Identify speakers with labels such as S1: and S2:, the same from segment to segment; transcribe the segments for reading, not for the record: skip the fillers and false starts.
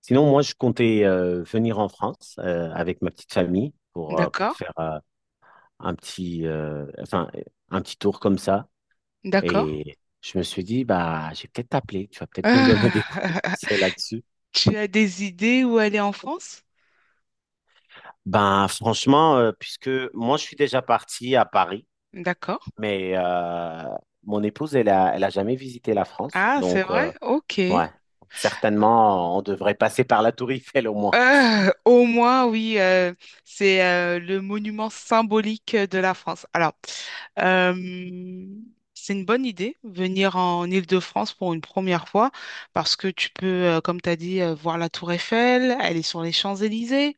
S1: Sinon, moi, je comptais venir en France avec ma petite famille pour
S2: D'accord,
S1: faire un petit, enfin, un petit tour comme ça.
S2: d'accord.
S1: Et je me suis dit, bah, j'ai peut-être t'appeler, tu vas peut-être me donner des
S2: Ah,
S1: conseils là-dessus.
S2: Tu as des idées où aller en France?
S1: Ben, franchement, puisque moi, je suis déjà parti à Paris,
S2: D'accord.
S1: mais mon épouse, elle a jamais visité la France.
S2: Ah, c'est
S1: Donc,
S2: vrai? Ok.
S1: ouais, certainement, on devrait passer par la Tour Eiffel au moins.
S2: Au moins, oui, c'est le monument symbolique de la France. Alors, euh, c'est une bonne idée, venir en Île-de-France pour une première fois, parce que tu peux, comme tu as dit, voir la Tour Eiffel, aller sur les Champs-Élysées,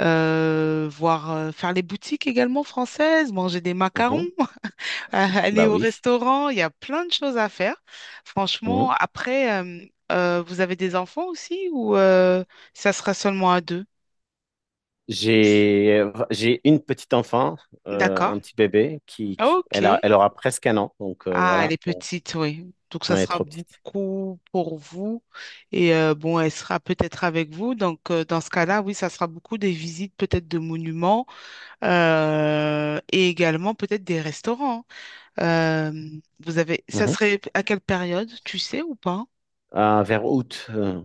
S2: voir, faire les boutiques également françaises, manger des macarons.
S1: Mhm.
S2: Aller
S1: Bah
S2: au
S1: oui.
S2: restaurant, il y a plein de choses à faire. Franchement,
S1: Mhm.
S2: après, vous avez des enfants aussi ou ça sera seulement à deux?
S1: J'ai une petite enfant,
S2: D'accord.
S1: un petit bébé qui,
S2: Ok.
S1: elle aura presque 1 an, donc
S2: Ah, elle
S1: voilà,
S2: est
S1: bon,
S2: petite, oui. Donc, ça
S1: elle est
S2: sera
S1: trop petite.
S2: beaucoup pour vous. Et bon, elle sera peut-être avec vous. Donc, dans ce cas-là, oui, ça sera beaucoup des visites peut-être de monuments et également peut-être des restaurants. Euh, Vous avez, ça
S1: Mhm.
S2: serait à quelle période, tu sais ou pas?
S1: Vers août,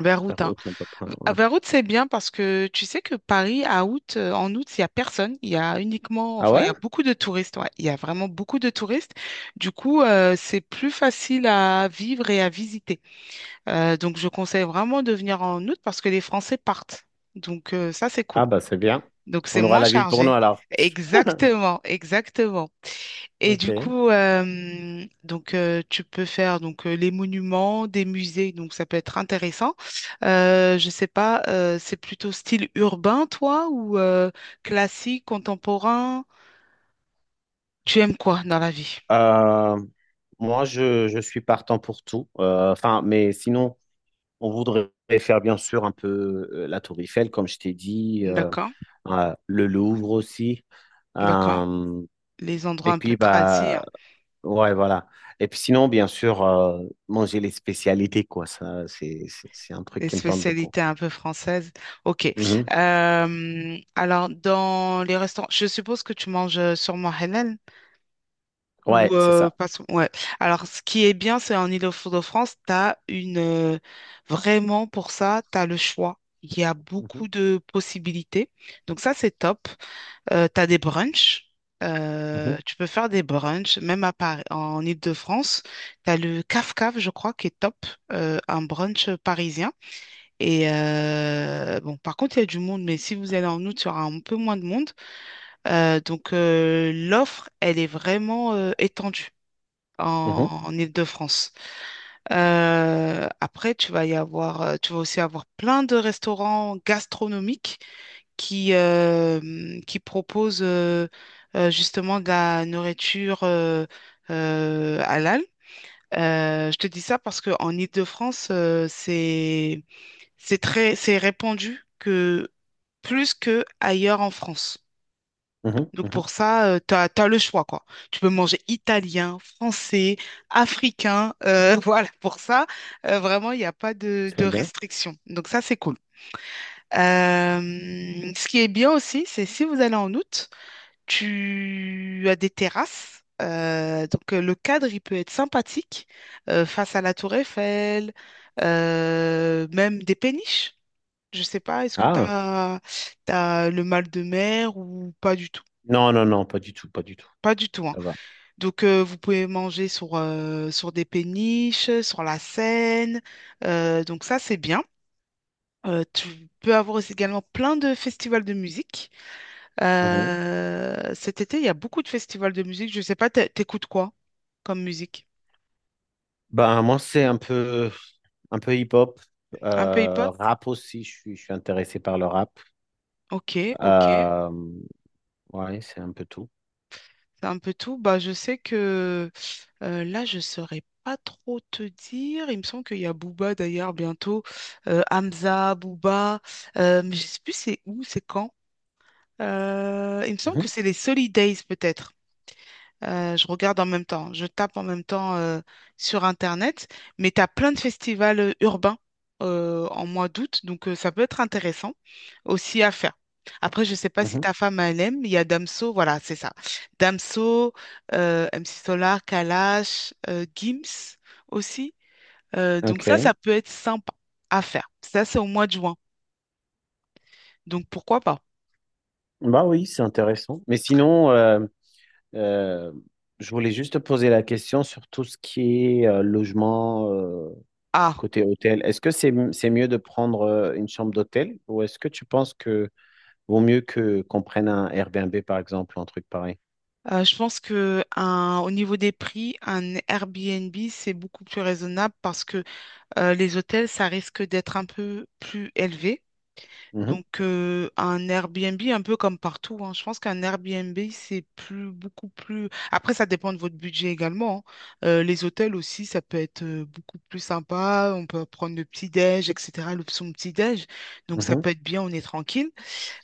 S2: Vers
S1: faire
S2: août, hein?
S1: route un peu près,
S2: Ah,
S1: ouais.
S2: vers août, c'est bien parce que tu sais que Paris, à août, en août, il n'y a personne. Il y a uniquement,
S1: Ah
S2: enfin, il y
S1: ouais?
S2: a beaucoup de touristes. Ouais. Il y a vraiment beaucoup de touristes. Du coup, c'est plus facile à vivre et à visiter. Donc, je conseille vraiment de venir en août parce que les Français partent. Donc, ça, c'est cool.
S1: Ah bah c'est bien.
S2: Donc, c'est
S1: On aura
S2: moins
S1: la ville pour nous
S2: chargé.
S1: alors.
S2: Exactement, exactement. Et du
S1: Ok.
S2: coup, donc tu peux faire donc les monuments, des musées, donc ça peut être intéressant. Je sais pas, c'est plutôt style urbain, toi, ou classique, contemporain? Tu aimes quoi dans la vie?
S1: Euh, moi, je suis partant pour tout. Enfin, mais sinon, on voudrait faire bien sûr un peu la Tour Eiffel, comme je t'ai dit,
S2: D'accord,
S1: le Louvre aussi.
S2: d'accord.
S1: Euh,
S2: Les endroits
S1: et
S2: un peu
S1: puis,
S2: tradis, hein,
S1: bah, ouais, voilà. Et puis sinon, bien sûr, manger les spécialités, quoi. Ça, c'est un truc
S2: les
S1: qui me tente beaucoup.
S2: spécialités un peu françaises. Ok.
S1: Mhm.
S2: Alors dans les restaurants, je suppose que tu manges sûrement halal. Ou
S1: Ouais, c'est ça.
S2: ouais. Alors, ce qui est bien, c'est en Île-de-France, tu as une vraiment pour ça, tu as le choix. Il y a
S1: Mhm.
S2: beaucoup de possibilités. Donc ça, c'est top. Tu as des brunchs.
S1: Mhm.
S2: Tu peux faire des brunchs, même à Paris, en Île-de-France. Tu as le Caf Caf, je crois, qui est top, un brunch parisien. Et bon, par contre, il y a du monde, mais si vous allez en août, il y aura un peu moins de monde. Donc, l'offre, elle est vraiment étendue
S1: Mhm.
S2: en Île-de-France. Après, tu vas y avoir, tu vas aussi avoir plein de restaurants gastronomiques qui, euh, qui proposent justement de la nourriture halal. Je te dis ça parce qu'en Île-de-France, c'est très, c'est répandu que plus que ailleurs en France.
S1: Mhm.
S2: Donc
S1: Mhm.
S2: pour ça, tu as, le choix, quoi. Tu peux manger italien, français, africain. Voilà, pour ça, vraiment, il n'y a pas de
S1: Très bien.
S2: restrictions. Donc ça, c'est cool. Euh, Ce qui est bien aussi, c'est si vous allez en août, tu as des terrasses. Donc le cadre, il peut être sympathique face à la tour Eiffel, même des péniches. Je sais pas, est-ce que tu
S1: Ah,
S2: as, le mal de mer ou pas du tout?
S1: non, non, non, pas du tout, pas du tout.
S2: Pas du tout, hein.
S1: Ça va.
S2: Donc, vous pouvez manger sur des péniches, sur la Seine. Donc, ça, c'est bien. Tu peux avoir aussi également plein de festivals de musique.
S1: Mhm.
S2: Cet été, il y a beaucoup de festivals de musique. Je ne sais pas, t'écoutes quoi comme musique?
S1: Ben, moi, c'est un peu hip-hop,
S2: Un peu hip-hop?
S1: rap aussi. Je suis intéressé par le rap.
S2: Ok, ok.
S1: Euh, ouais, c'est un peu tout.
S2: C'est un peu tout. Bah, je sais que là, je ne saurais pas trop te dire. Il me semble qu'il y a Booba d'ailleurs bientôt. Hamza, Booba. Mais je ne sais plus c'est où, c'est quand. Il me semble
S1: Mhm,
S2: que c'est les Solid Days peut-être. Je regarde en même temps, je tape en même temps sur Internet, mais tu as plein de festivals urbains en mois d'août, donc ça peut être intéressant aussi à faire. Après, je ne sais pas si
S1: mhm.
S2: ta femme elle aime, il y a Damso, voilà, c'est ça. Damso, MC Solar, Kalash, Gims aussi. Donc ça,
S1: Ok.
S2: ça peut être sympa à faire. Ça, c'est au mois de juin, donc pourquoi pas?
S1: Bah oui, c'est intéressant. Mais sinon, euh, je voulais juste te poser la question sur tout ce qui est logement
S2: Ah.
S1: côté hôtel. Est-ce que c'est mieux de prendre une chambre d'hôtel ou est-ce que tu penses que vaut mieux que qu'on prenne un Airbnb, par exemple, ou un truc pareil.
S2: Je pense que au niveau des prix, un Airbnb, c'est beaucoup plus raisonnable parce que les hôtels, ça risque d'être un peu plus élevé.
S1: Mhm,
S2: Donc, un Airbnb, un peu comme partout, hein, je pense qu'un Airbnb, c'est plus, beaucoup plus. Après, ça dépend de votre budget également. Hein. Les hôtels aussi, ça peut être beaucoup plus sympa. On peut prendre le petit-déj, etc., l'option petit-déj. Donc, ça
S1: mhm,
S2: peut être bien, on est tranquille.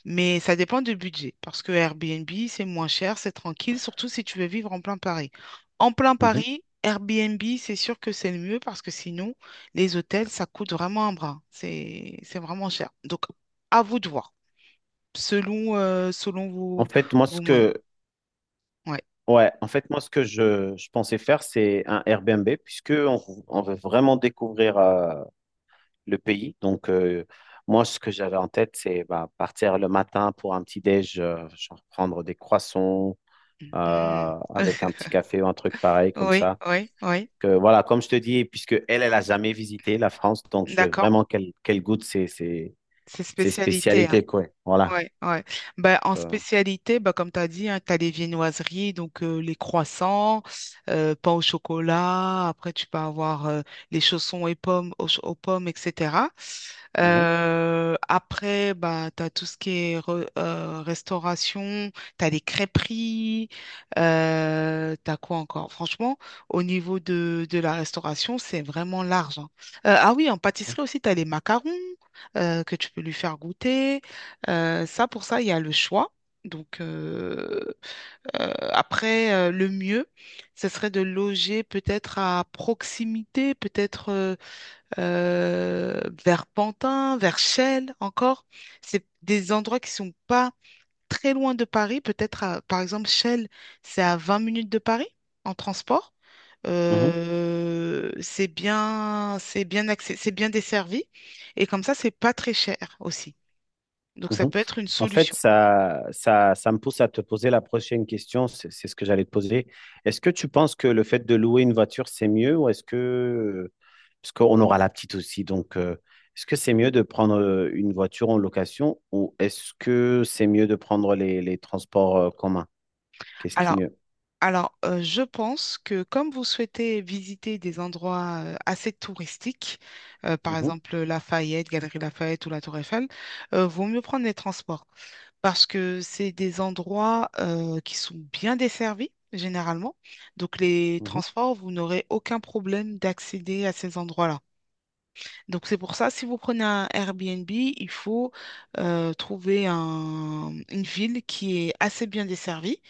S2: Mais ça dépend du budget, parce que Airbnb, c'est moins cher, c'est tranquille, surtout si tu veux vivre en plein Paris. En plein
S1: mhm.
S2: Paris, Airbnb, c'est sûr que c'est le mieux, parce que sinon, les hôtels, ça coûte vraiment un bras. C'est vraiment cher. Donc, à vous de voir, selon
S1: En
S2: vos,
S1: fait, moi, ce
S2: vos moyens.
S1: que,
S2: Ouais.
S1: ouais, en fait, moi, ce que je pensais faire, c'est un Airbnb, puisque on veut vraiment découvrir le pays. Donc, moi, ce que j'avais en tête, c'est bah, partir le matin pour un petit déj, genre prendre des croissants
S2: Mm.
S1: euh, avec un petit café ou un truc pareil, comme
S2: Oui,
S1: ça.
S2: oui, oui.
S1: Que, voilà, comme je te dis, puisque elle, elle a jamais visité la France, donc je veux
S2: D'accord.
S1: vraiment qu'elle goûte
S2: C'est
S1: ses
S2: spécialité. Hein.
S1: spécialités, quoi. Voilà.
S2: Ouais, ouais. Ben, en
S1: Euh,
S2: spécialité, ben, comme tu as dit, tu as les viennoiseries, donc les croissants, pain au chocolat. Après, tu peux avoir les chaussons et pommes aux pommes, etc.
S1: mhm,
S2: Après, ben, tu as tout ce qui est restauration, tu as les crêperies, tu as quoi encore? Franchement, au niveau de la restauration, c'est vraiment large. Hein. Ah oui, en pâtisserie aussi, tu as les macarons que tu peux lui faire goûter. Ça, pour ça, il y a le choix. Donc, après, le mieux, ce serait de loger peut-être à proximité, peut-être vers Pantin, vers Chelles encore. C'est des endroits qui sont pas très loin de Paris. Peut-être, par exemple, Chelles, c'est à 20 minutes de Paris en transport.
S1: mhm,
S2: C'est bien, c'est bien accès, c'est bien desservi. Et comme ça, c'est pas très cher aussi. Donc ça
S1: mhm.
S2: peut être une
S1: En fait,
S2: solution.
S1: ça me pousse à te poser la prochaine question. C'est ce que j'allais te poser. Est-ce que tu penses que le fait de louer une voiture, c'est mieux ou est-ce que, parce qu'on aura la petite aussi, donc est-ce que c'est mieux de prendre une voiture en location ou est-ce que c'est mieux de prendre les transports communs? Qu'est-ce qui est
S2: Alors,
S1: mieux?
S2: alors, je pense que comme vous souhaitez visiter des endroits assez touristiques, par
S1: Mhm,
S2: exemple Lafayette, Galerie Lafayette ou la Tour Eiffel, vaut mieux prendre les transports. Parce que c'est des endroits qui sont bien desservis généralement. Donc les
S1: mhm,
S2: transports, vous n'aurez aucun problème d'accéder à ces endroits-là. Donc c'est pour ça, si vous prenez un Airbnb, il faut trouver une ville qui est assez bien desservie.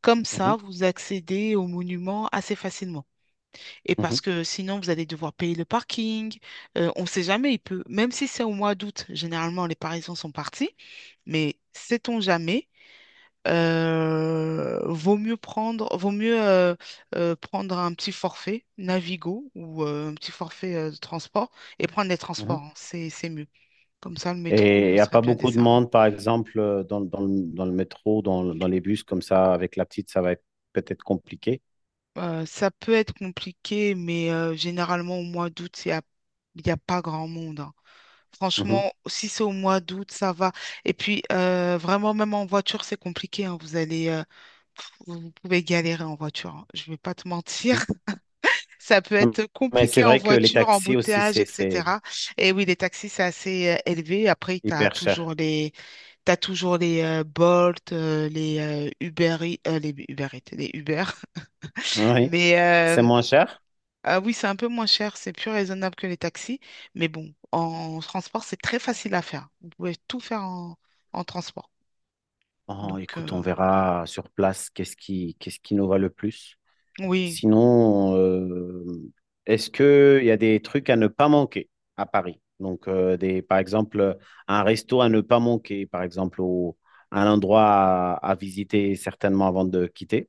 S2: Comme
S1: mhm,
S2: ça, vous accédez aux monuments assez facilement. Et
S1: mhm,
S2: parce que sinon, vous allez devoir payer le parking. On ne sait jamais, il peut, même si c'est au mois d'août, généralement les Parisiens sont partis. Mais sait-on jamais, vaut mieux prendre un petit forfait Navigo ou un petit forfait de transport et prendre les transports.
S1: mhm.
S2: Hein. C'est mieux. Comme ça, le métro,
S1: Et il
S2: vous
S1: n'y a
S2: serez
S1: pas
S2: bien
S1: beaucoup de
S2: desservi.
S1: monde, par exemple, dans, dans le métro, dans les bus, comme ça, avec la petite, ça va être peut-être compliqué.
S2: Ça peut être compliqué, mais généralement au mois d'août, il y a pas grand monde. Hein. Franchement,
S1: Mhm,
S2: si c'est au mois d'août, ça va. Et puis, vraiment, même en voiture, c'est compliqué. Hein. Vous allez, vous pouvez galérer en voiture. Hein. Je ne vais pas te
S1: mhm.
S2: mentir. Ça peut
S1: Non,
S2: être
S1: mais c'est
S2: compliqué en
S1: vrai que les
S2: voiture,
S1: taxis aussi,
S2: embouteillage,
S1: c'est
S2: etc. Et oui, les taxis, c'est assez élevé. Après, tu as
S1: hyper cher.
S2: toujours les, t'as toujours les Bolt, les Uber, les Uber, Eats, les Uber.
S1: Oui,
S2: Mais
S1: c'est moins cher.
S2: ah oui, c'est un peu moins cher, c'est plus raisonnable que les taxis. Mais bon, en transport, c'est très facile à faire. Vous pouvez tout faire en transport.
S1: Oh,
S2: Donc,
S1: écoute, on verra sur place qu'est-ce qui nous va le plus.
S2: oui.
S1: Sinon, est-ce qu'il y a des trucs à ne pas manquer à Paris? Donc, des, par exemple, un resto à ne pas manquer, par exemple, un endroit à visiter certainement avant de quitter.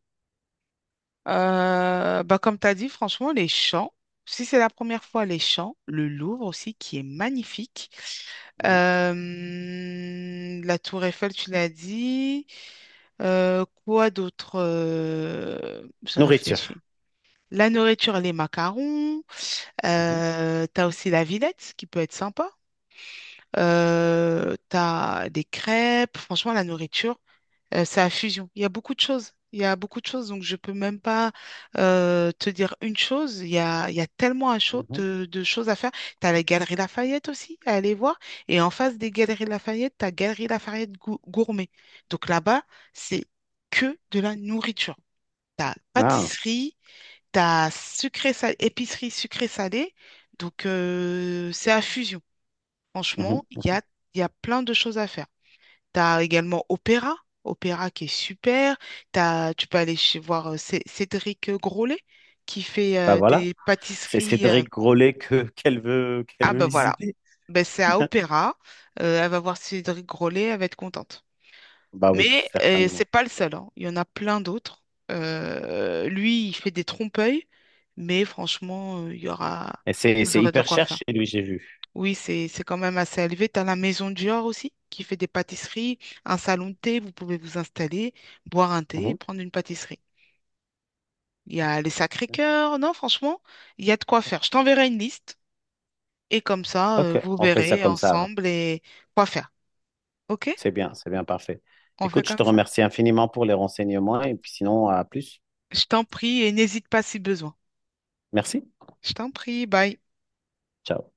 S2: Bah, comme tu as dit, franchement, les champs. Si c'est la première fois, les champs, le Louvre aussi, qui est magnifique.
S1: Mhm.
S2: La tour Eiffel, tu l'as dit. Quoi d'autre? Je
S1: Nourriture.
S2: réfléchis. La nourriture, les macarons.
S1: Mhm,
S2: T'as aussi la Villette qui peut être sympa. T'as des crêpes. Franchement, la nourriture. C'est la fusion. Il y a beaucoup de choses. Il y a beaucoup de choses, donc je peux même pas te dire une chose. Il y a tellement à
S1: mhm.
S2: de choses à faire. Tu as la Galerie Lafayette aussi à aller voir. Et en face des Galeries Lafayette, tu as Galerie Lafayette Gourmet. Donc là-bas, c'est que de la nourriture. T'as
S1: Ah,
S2: pâtisserie, t'as as sucré salé, épicerie sucré salée. Donc c'est à fusion. Franchement,
S1: mhm.
S2: il y a plein de choses à faire. T'as également Opéra qui est super. Tu peux aller voir Cédric Grolet qui fait
S1: Bah voilà,
S2: des
S1: c'est
S2: pâtisseries.
S1: Cédric Grolet que qu'elle
S2: Ah
S1: veut
S2: ben voilà,
S1: visiter.
S2: ben, c'est à Opéra. Elle va voir Cédric Grolet, elle va être contente.
S1: Bah oui,
S2: Mais c'est
S1: certainement.
S2: pas le seul, hein. Il y en a plein d'autres. Lui, il fait des trompe-l'œil, mais franchement,
S1: Et c'est
S2: vous
S1: c'est
S2: aurez de
S1: hyper
S2: quoi
S1: cher
S2: faire.
S1: chez lui, j'ai vu.
S2: Oui, c'est quand même assez élevé. Tu as la maison Dior aussi qui fait des pâtisseries, un salon de thé, vous pouvez vous installer, boire un thé,
S1: Mhm.
S2: prendre une pâtisserie. Il y a les Sacré-Cœur, non, franchement, il y a de quoi faire. Je t'enverrai une liste et comme ça,
S1: OK,
S2: vous
S1: on fait ça
S2: verrez
S1: comme ça alors.
S2: ensemble et quoi faire. OK?
S1: C'est bien, parfait.
S2: On fait
S1: Écoute, je te
S2: comme ça?
S1: remercie infiniment pour les renseignements et puis sinon, à plus.
S2: Je t'en prie et n'hésite pas si besoin.
S1: Merci.
S2: Je t'en prie, bye.
S1: Ciao.